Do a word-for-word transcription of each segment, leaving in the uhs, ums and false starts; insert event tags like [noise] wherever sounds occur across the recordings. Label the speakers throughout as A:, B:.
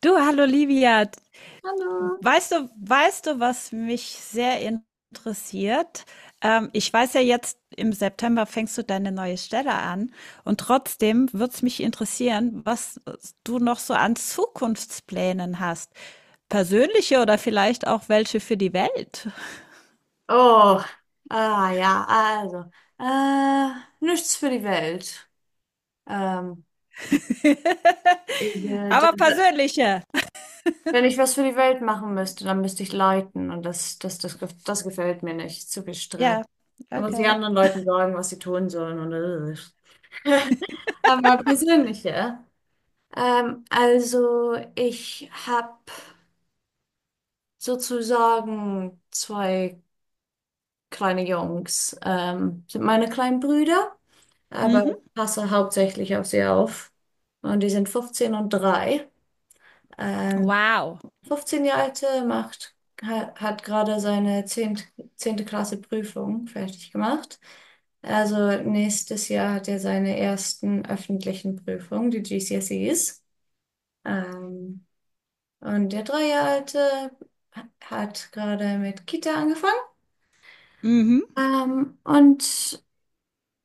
A: Du, hallo Livia.
B: Hallo.
A: Weißt du, weißt du, was mich sehr interessiert? Ähm, ich weiß ja jetzt, im September fängst du deine neue Stelle an und trotzdem würde es mich interessieren, was du noch so an Zukunftsplänen hast. Persönliche oder vielleicht auch welche für die Welt.
B: Oh, ah ja, also, äh, nichts für die Welt. Ähm, ich,
A: [laughs]
B: äh, d-
A: Aber
B: d-
A: persönliche.
B: Wenn ich was für die Welt machen müsste, dann müsste ich leiten und das, das, das, gef- das gefällt mir nicht. Zu viel Stress.
A: Ja,
B: Da muss ich
A: okay.
B: anderen Leuten sagen, was sie tun sollen und äh. [laughs] Aber persönliche. Ähm, also, ich habe sozusagen zwei kleine Jungs, ähm, sind meine kleinen Brüder. Aber
A: Mhm.
B: ich passe hauptsächlich auf sie auf. Und die sind fünfzehn und drei. Ähm,
A: Wow.
B: fünfzehn Jahre alte macht, ha- hat gerade seine zehnte zehnte Klasse Prüfung fertig gemacht. Also nächstes Jahr hat er seine ersten öffentlichen Prüfungen, die G C S Es. Ähm, und der drei Jahre alte hat gerade mit Kita angefangen.
A: Mhm.
B: Ähm, und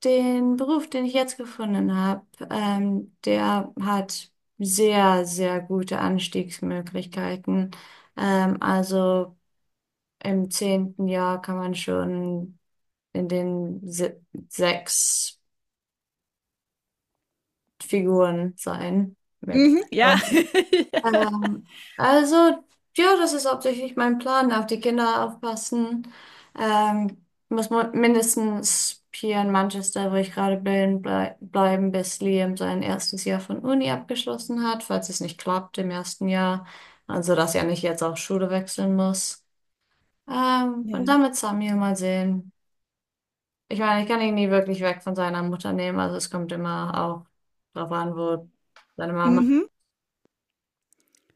B: Den Beruf, den ich jetzt gefunden habe, ähm, der hat sehr, sehr gute Anstiegsmöglichkeiten. Ähm, also Im zehnten Jahr kann man schon in den se sechs Figuren sein mit.
A: Mhm. Ja. [laughs]
B: Ähm, also, ja, das ist hauptsächlich mein Plan, auf die Kinder aufpassen. Ähm, muss man mindestens hier in Manchester, wo ich gerade bin, blei bleiben, bis Liam sein erstes Jahr von Uni abgeschlossen hat, falls es nicht klappt im ersten Jahr. Also, dass er nicht jetzt auch Schule wechseln muss. Ähm, und
A: Ja.
B: dann mit Samuel mal sehen. Ich meine, ich kann ihn nie wirklich weg von seiner Mutter nehmen, also es kommt immer auch drauf an, wo seine Mama.
A: Mhm.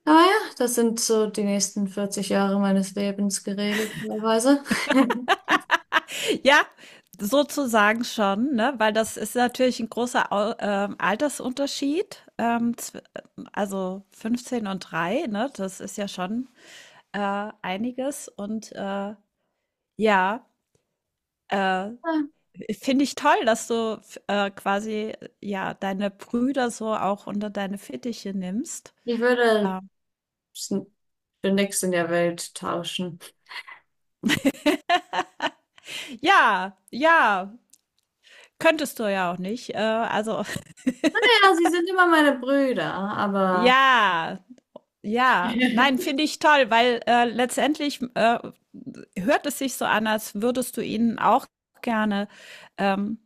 B: Aber ja, das sind so die nächsten vierzig Jahre meines Lebens geregelt, teilweise. [laughs]
A: Ja, sozusagen schon, ne? Weil das ist natürlich ein großer Au ähm, Altersunterschied. Ähm, zw- also fünfzehn und drei. Ne? Das ist ja schon äh, einiges. Und äh, ja, äh,
B: Ja,
A: finde ich toll, dass du f- äh, quasi ja deine Brüder so auch unter deine Fittiche nimmst.
B: ich würde
A: Ähm,
B: s- für nichts in der Welt tauschen.
A: ja, ja, könntest du ja auch nicht. Äh, also
B: Ja, sie sind immer meine Brüder,
A: [laughs]
B: aber
A: ja. Ja,
B: [laughs] ja,
A: nein, finde ich toll, weil, äh, letztendlich, äh, hört es sich so an, als würdest du ihnen auch gerne, ähm,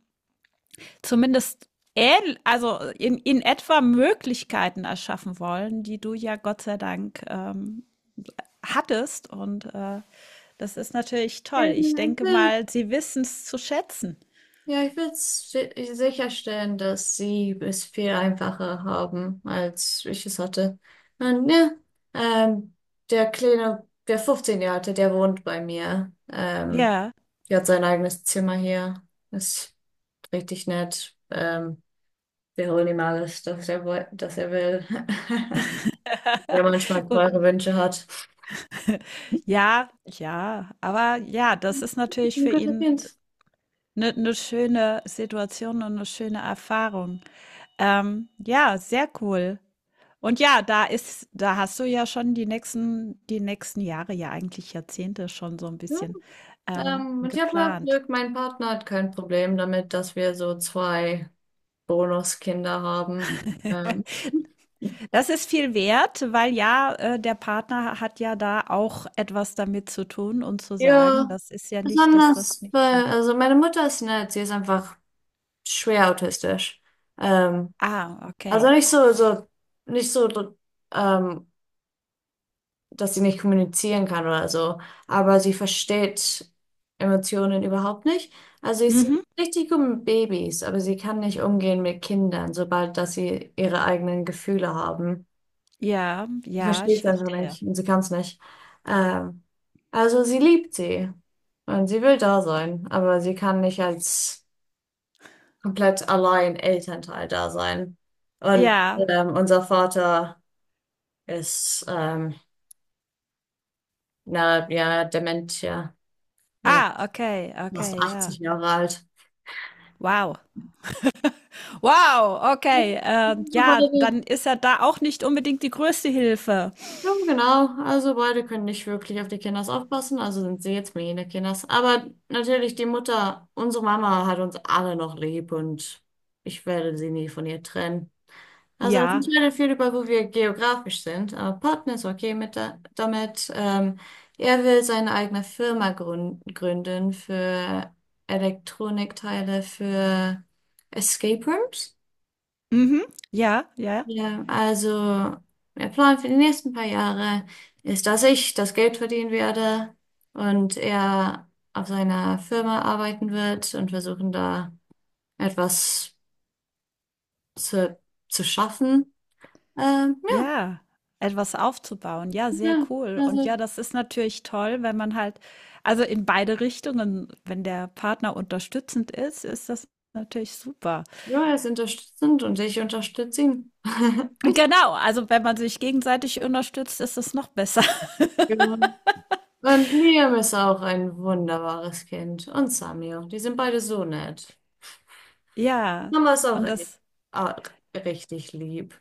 A: zumindest ähnl also in in etwa Möglichkeiten erschaffen wollen, die du ja Gott sei Dank, ähm, hattest und, äh, das ist natürlich toll. Ich
B: ich
A: denke
B: will,
A: mal, sie wissen es zu schätzen.
B: ja, ich will si- sicherstellen, dass sie es viel einfacher haben, als ich es hatte. Und ja, ähm, Der Kleine, der fünfzehn-Jährige, der wohnt bei mir. Ähm,
A: Ja,
B: der hat sein eigenes Zimmer hier. Das richtig nett. Ähm, wir holen ihm alles, das er, woll- das er will. [laughs] Der manchmal
A: gut.
B: teure Wünsche hat.
A: Ja, ja, aber ja, das ist
B: [laughs]
A: natürlich
B: Ein
A: für
B: guter
A: ihn
B: Kind.
A: eine schöne Situation und eine schöne Erfahrung. Ähm, ja, sehr cool. Und ja, da ist da hast du ja schon die nächsten die nächsten Jahre, ja eigentlich Jahrzehnte schon so ein
B: Ja,
A: bisschen, ähm,
B: ähm, und ich habe mal
A: geplant.
B: Glück, mein Partner hat kein Problem damit, dass wir so zwei Bonuskinder haben. Ähm,
A: [laughs]
B: [laughs]
A: Das ist viel wert, weil ja, äh, der Partner hat ja da auch etwas damit zu tun und zu sagen,
B: ja,
A: das ist ja nicht, dass das
B: besonders,
A: nicht
B: weil,
A: geht.
B: also meine Mutter ist nett, sie ist einfach schwer autistisch. Ähm,
A: Ah,
B: also
A: okay.
B: nicht so, so, nicht so, ähm, dass sie nicht kommunizieren kann oder so. Aber sie versteht Emotionen überhaupt nicht. Also sie ist
A: Mhm.
B: richtig gut mit Babys, aber sie kann nicht umgehen mit Kindern, sobald dass sie ihre eigenen Gefühle haben.
A: Ja,
B: Sie
A: ja,
B: versteht
A: ich
B: es einfach
A: verstehe.
B: nicht und sie kann es nicht. Ähm, also Sie liebt sie und sie will da sein, aber sie kann nicht als komplett allein Elternteil da sein. Und
A: Ja.
B: ähm, unser Vater ist ähm, na ja dement, ja. Er
A: Ah, okay,
B: fast
A: okay, ja.
B: achtzig Jahre alt.
A: Wow. Wow, okay. Äh,
B: Also
A: ja,
B: beide,
A: dann ist er da auch nicht unbedingt die größte Hilfe.
B: ja, genau. Also beide können nicht wirklich auf die Kinders aufpassen, also sind sie jetzt meine Kinders. Aber natürlich die Mutter, unsere Mama hat uns alle noch lieb und ich werde sie nie von ihr trennen. Also das
A: Ja,
B: entscheidet viel über, wo wir geografisch sind. Aber Partner ist okay mit da, damit. Ähm, er will seine eigene Firma grün- gründen für Elektronikteile für Escape Rooms.
A: mhm, ja, ja,
B: Ja, also der Plan für die nächsten paar Jahre ist, dass ich das Geld verdienen werde und er auf seiner Firma arbeiten wird und versuchen da etwas zu, zu schaffen. Ähm, ja,
A: ja. Etwas aufzubauen. Ja, sehr
B: ja,
A: cool. Und ja,
B: also
A: das ist natürlich toll, wenn man halt, also in beide Richtungen, wenn der Partner unterstützend ist, ist das natürlich super.
B: ja, er ist unterstützend und ich unterstütze ihn. [laughs]
A: Genau, also wenn man sich gegenseitig unterstützt, ist es noch besser. [laughs]
B: Genau. Und Liam ist auch ein wunderbares Kind und Samir, die sind beide so nett.
A: Ja,
B: Mama ist auch,
A: und das
B: auch richtig lieb.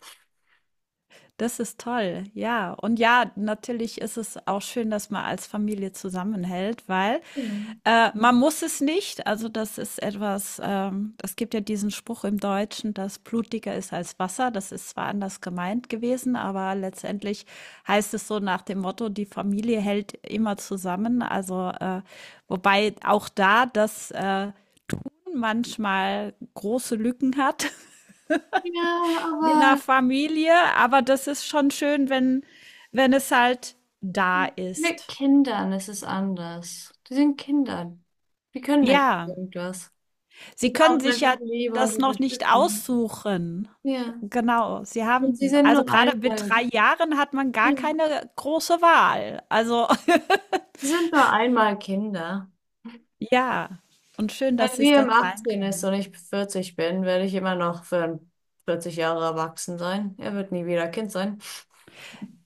A: Das ist toll, ja. Und ja, natürlich ist es auch schön, dass man als Familie zusammenhält, weil
B: Ja.
A: äh, man muss es nicht. Also das ist etwas, ähm, es gibt ja diesen Spruch im Deutschen, dass Blut dicker ist als Wasser. Das ist zwar anders gemeint gewesen, aber letztendlich heißt es so nach dem Motto, die Familie hält immer zusammen. Also äh, wobei auch da das äh, Tun manchmal große Lücken hat.
B: Ja,
A: Je nach
B: aber
A: Familie, aber das ist schon schön, wenn wenn es halt da
B: mit
A: ist.
B: Kindern ist es anders. Die sind Kinder. Die können nicht
A: Ja,
B: irgendwas. Die
A: sie können
B: brauchen
A: sich
B: einfach
A: ja
B: Liebe und
A: das noch nicht
B: Unterstützung.
A: aussuchen.
B: Ja.
A: Genau, sie
B: Und sie
A: haben
B: sind
A: also
B: nur
A: gerade mit
B: einmal,
A: drei Jahren hat man gar
B: ja.
A: keine große Wahl. Also, [laughs]
B: sie sind nur einmal Kinder.
A: ja, und schön, dass
B: Wenn
A: sie es
B: wir
A: dann
B: im
A: sein
B: achtzehn ist
A: können.
B: und ich vierzig bin, werde ich immer noch für vierzig Jahre erwachsen sein. Er wird nie wieder Kind sein.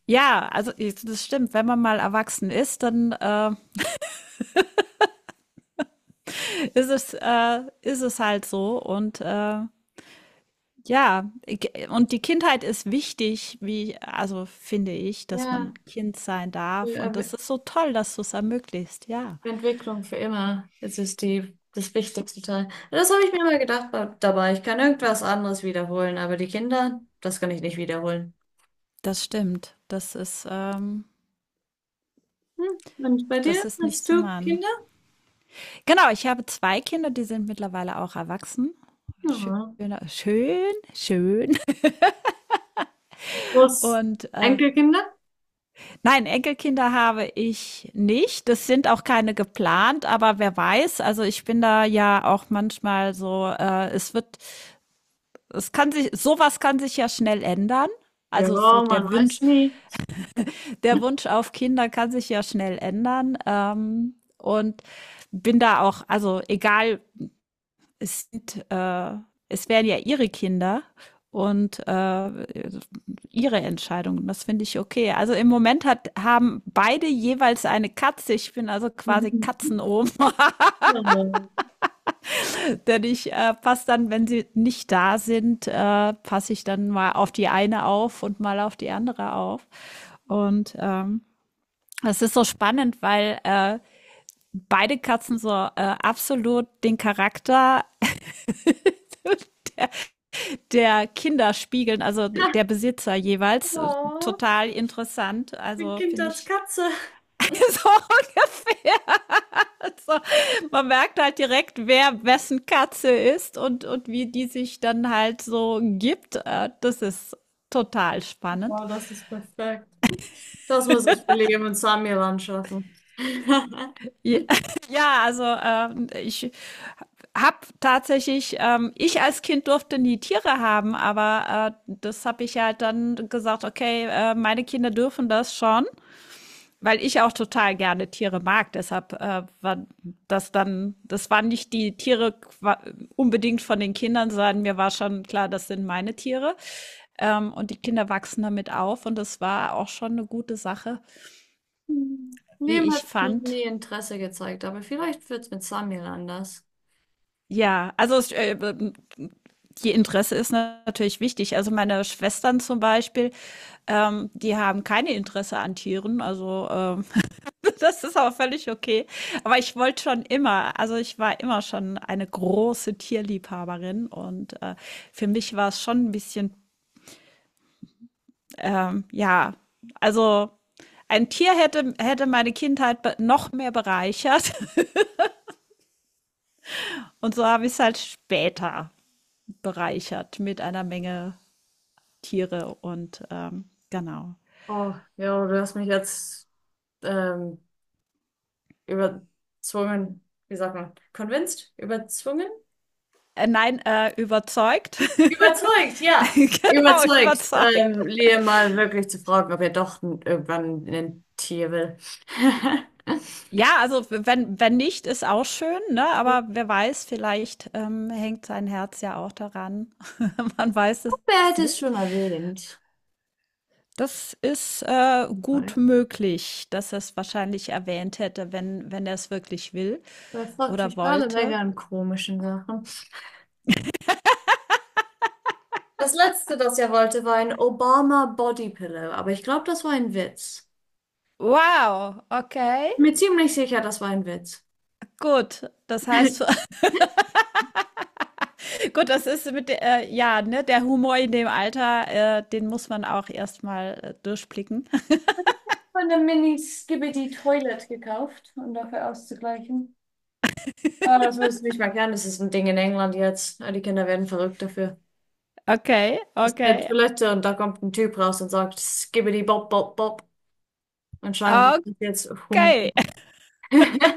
A: Ja, also i das stimmt, wenn man mal erwachsen ist, dann, äh, ist es äh, ist es halt so und, äh Ja, ich- und die Kindheit ist wichtig, wie, also finde ich, dass
B: Ja,
A: man Kind sein
B: die
A: darf. Und
B: Er-
A: das ist so toll, dass du es ermöglicht. Ja,
B: Entwicklung für immer. Es ist die, das wichtigste Teil. Das habe ich mir immer gedacht ba- dabei Ich kann irgendwas anderes wiederholen, aber die Kinder, das kann ich nicht wiederholen.
A: das stimmt. Das ist, ähm,
B: Hm. Und bei dir?
A: das ist nicht
B: Hast
A: zu
B: du
A: machen.
B: Kinder?
A: Genau, ich habe zwei Kinder, die sind mittlerweile auch erwachsen. Schön,
B: Ja.
A: schön, schön. [laughs]
B: Was?
A: Und äh,
B: Enkelkinder?
A: nein, Enkelkinder habe ich nicht. Das sind auch keine geplant, aber wer weiß. Also ich bin da ja auch manchmal so, äh, es wird es kann sich, sowas kann sich ja schnell ändern.
B: Ja,
A: Also so
B: man
A: der
B: weiß
A: Wunsch,
B: nie.
A: der Wunsch auf Kinder kann sich ja schnell ändern. Ähm, und bin da auch, also egal, es sind, äh, es wären ja ihre Kinder und äh, ihre Entscheidungen. Das finde ich okay. Also im Moment hat, haben beide jeweils eine Katze. Ich bin also quasi
B: [laughs]
A: Katzenohm.
B: Ja.
A: Denn ich äh, passe dann, wenn sie nicht da sind, äh, passe ich dann mal auf die eine auf und mal auf die andere auf. Und ähm, das ist so spannend, weil äh, beide Katzen so äh, absolut den Charakter der Kinder spiegeln, also der
B: [laughs]
A: Besitzer jeweils.
B: Oh,
A: Total interessant.
B: mein
A: Also
B: Kind
A: finde
B: als
A: ich
B: Katze.
A: [laughs] so So, man merkt halt direkt, wer wessen Katze ist und, und wie die sich dann halt so gibt. Äh, Das ist total spannend.
B: Wow, das ist perfekt. Das muss ich für Liam und Samuel anschaffen. [laughs]
A: Ja, [laughs] ja, also äh, ich habe tatsächlich, ähm, ich als Kind durfte nie Tiere haben, aber äh, das habe ich halt dann gesagt, okay, äh, meine Kinder dürfen das schon. Weil ich auch total gerne Tiere mag, deshalb äh, war das dann, das waren nicht die Tiere qua- unbedingt von den Kindern, sondern mir war schon klar, das sind meine Tiere. Ähm, und die Kinder wachsen damit auf und das war auch schon eine gute Sache, wie
B: Liam hat
A: ich
B: noch
A: fand.
B: nie Interesse gezeigt, aber vielleicht wird es mit Samuel anders.
A: Ja, also es, äh, die Interesse ist na- natürlich wichtig. Also meine Schwestern zum Beispiel, ähm, die haben keine Interesse an Tieren. Also ähm, Das ist aber völlig okay. Aber ich wollte schon immer, also ich war immer schon eine große Tierliebhaberin und äh, für mich war es schon ein bisschen, ähm, ja, also ein Tier hätte, hätte meine Kindheit be- noch mehr bereichert [laughs] und so habe ich es halt später bereichert mit einer Menge Tiere und ähm, genau.
B: Oh, ja, du hast mich jetzt ähm, überzwungen, wie sagt man, convinced? Überzwungen?
A: Äh, nein, äh, überzeugt. [laughs]
B: Überzeugt, ja.
A: Genau,
B: Überzeugt,
A: überzeugt.
B: ähm, Lea mal wirklich zu fragen, ob er doch n- irgendwann ein Tier will. [laughs]
A: Ja, also wenn wenn nicht, ist auch schön, ne? Aber wer weiß, vielleicht, ähm, hängt sein Herz ja auch daran. [laughs] Man weiß es
B: Wer hätte es
A: nicht.
B: schon erwähnt?
A: Das ist, äh, gut möglich, dass er es wahrscheinlich erwähnt hätte, wenn wenn er es wirklich will
B: Er fragt
A: oder
B: mich alle Menge
A: wollte.
B: an komischen Sachen. Das letzte, das er wollte, war ein Obama Body Pillow, aber ich glaube, das war ein Witz.
A: Wow, okay,
B: Mir ziemlich sicher, das war ein Witz.
A: gut. Das heißt
B: [laughs]
A: [laughs] gut, das ist mit der äh, ja, ne, der Humor in dem Alter, äh, den muss man auch erst mal, äh, durchblicken. [laughs]
B: Von der Mini Skibidi Toilet gekauft, um dafür auszugleichen. Ah, das willst du nicht mehr kennen. Das ist ein Ding in England jetzt. Ah, die Kinder werden verrückt dafür.
A: Okay,
B: Ist in der
A: okay.
B: Toilette und da kommt ein Typ raus und sagt, Skibbidi Bob, Bob, Bob. Anscheinend ist das jetzt Humor.
A: Okay.
B: [laughs]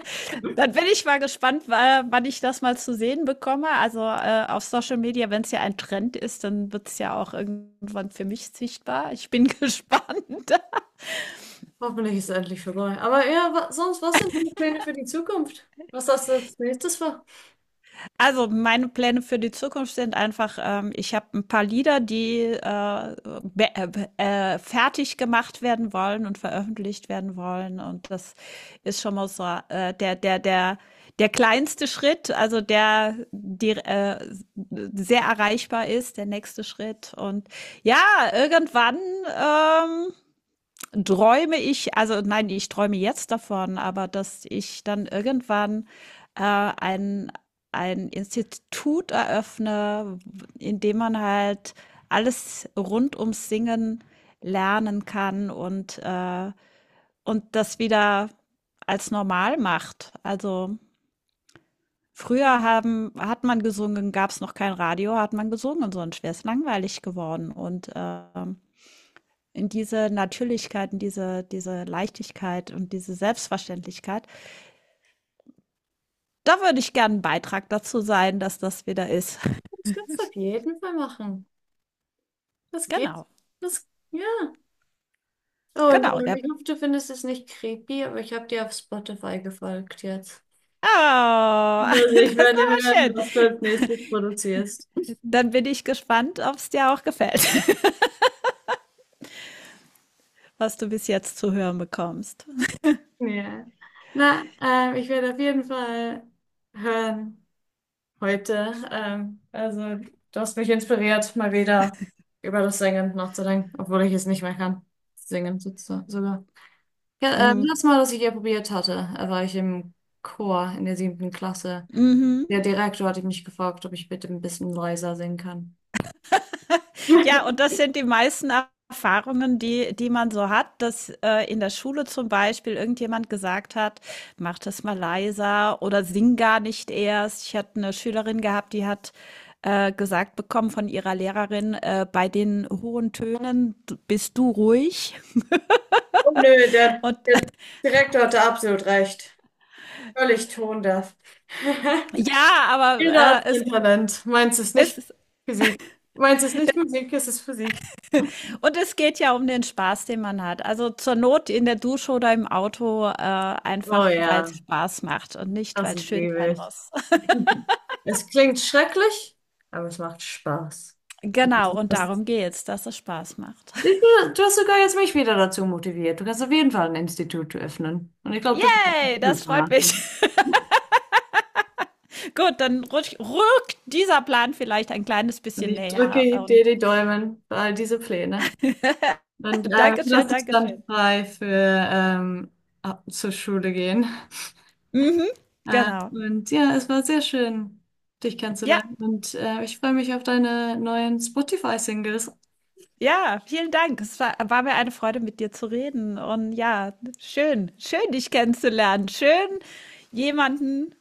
A: Dann bin ich mal gespannt, wa- wann ich das mal zu sehen bekomme. Also äh, auf Social Media, wenn es ja ein Trend ist, dann wird es ja auch irgendwann für mich sichtbar. Ich bin [laughs] gespannt.
B: Hoffentlich ist es endlich vorbei. Aber ja, wa sonst, was sind die Pläne für die Zukunft? Was hast du als nächstes vor?
A: Also meine Pläne für die Zukunft sind einfach, ähm, ich habe ein paar Lieder, die äh, be- äh, äh, fertig gemacht werden wollen und veröffentlicht werden wollen. Und das ist schon mal so äh, der, der, der, der kleinste Schritt, also der, die, äh, sehr erreichbar ist, der nächste Schritt. Und ja, irgendwann ähm, träume ich, also nein, ich träume jetzt davon, aber dass ich dann irgendwann äh, ein, ein Institut eröffne, in dem man halt alles rund ums Singen lernen kann und, äh, und das wieder als normal macht. Also früher haben, hat man gesungen, gab es noch kein Radio, hat man gesungen, sonst wäre es langweilig geworden. Und ähm, in diese Natürlichkeit, in diese, diese Leichtigkeit und diese Selbstverständlichkeit. Da würde ich gerne einen Beitrag dazu sein, dass das wieder ist. [laughs]
B: Das kannst du auf jeden Fall machen. Das geht.
A: Genau,
B: Das, ja. Und
A: genau.
B: ähm,
A: Der
B: ich hoffe, du findest es nicht creepy, aber ich habe dir auf Spotify gefolgt jetzt.
A: Oh, [laughs]
B: Also ich
A: das ist
B: werde hören,
A: aber
B: was du
A: schön.
B: als nächstes produzierst.
A: Dann bin ich gespannt, ob es dir auch gefällt, [laughs] was du bis jetzt zu hören bekommst.
B: Ja. Na, ähm, ich werde auf jeden Fall hören heute. Ähm, also, du hast mich inspiriert, mal wieder über das Singen nachzudenken, obwohl ich es nicht mehr kann. Singen sozusagen sogar. Ja, ähm, das
A: Mhm.
B: Mal, was ich hier probiert hatte, äh, war ich im Chor in der siebten Klasse.
A: Mhm.
B: Der Direktor hatte mich gefragt, ob ich bitte ein bisschen leiser singen kann.
A: Ja, und
B: [laughs]
A: das sind die meisten Erfahrungen, die, die man so hat, dass äh, in der Schule zum Beispiel irgendjemand gesagt hat, mach das mal leiser oder sing gar nicht erst. Ich hatte eine Schülerin gehabt, die hat äh, gesagt bekommen von ihrer Lehrerin, äh, bei den hohen Tönen bist du ruhig.
B: Oh nö, der,
A: Und
B: der Direktor hatte absolut recht. Völlig tondeaf.
A: [laughs] ja,
B: [laughs] Jeder hat
A: aber äh,
B: sein
A: es
B: Talent. [laughs] Meins ist nicht
A: es,
B: Physik. Meins ist nicht Musik, es ist Physik.
A: und es geht ja um den Spaß, den man hat. Also zur Not in der Dusche oder im Auto äh,
B: Oh
A: einfach, weil
B: ja,
A: es Spaß macht und nicht,
B: das
A: weil es schön
B: liebe
A: sein
B: ich.
A: muss.
B: Es klingt schrecklich, aber es macht Spaß.
A: Genau, und
B: Das,
A: darum geht's, dass es Spaß macht.
B: ich,
A: [laughs]
B: du Du hast sogar jetzt mich wieder dazu motiviert. Du kannst auf jeden Fall ein Institut öffnen. Und ich glaube, du wirst es
A: Yay, das
B: super
A: freut mich.
B: machen.
A: [laughs] Gut, dann rutsch, rückt dieser Plan vielleicht ein kleines
B: Und
A: bisschen
B: ich
A: näher
B: drücke dir
A: und
B: die Daumen für all diese Pläne. Und
A: [laughs]
B: äh,
A: Dankeschön,
B: das ist dann
A: Dankeschön.
B: frei für ähm, ab- zur Schule gehen.
A: Mhm,
B: Äh,
A: genau.
B: und ja, es war sehr schön, dich
A: Ja,
B: kennenzulernen. Und äh, ich freue mich auf deine neuen Spotify-Singles.
A: ja, vielen Dank. Es war, war mir eine Freude, mit dir zu reden. Und ja, schön, schön, dich kennenzulernen. Schön, jemanden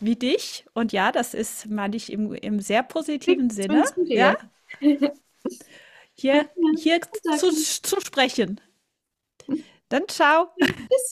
A: wie dich. Und ja, das ist, meine ich, im, im sehr
B: Wie-
A: positiven Sinne,
B: Schönes
A: ja,
B: Video. [laughs] Ja,
A: hier, hier zu,
B: danke.
A: zu sprechen. Dann ciao.
B: Tschüss. [laughs]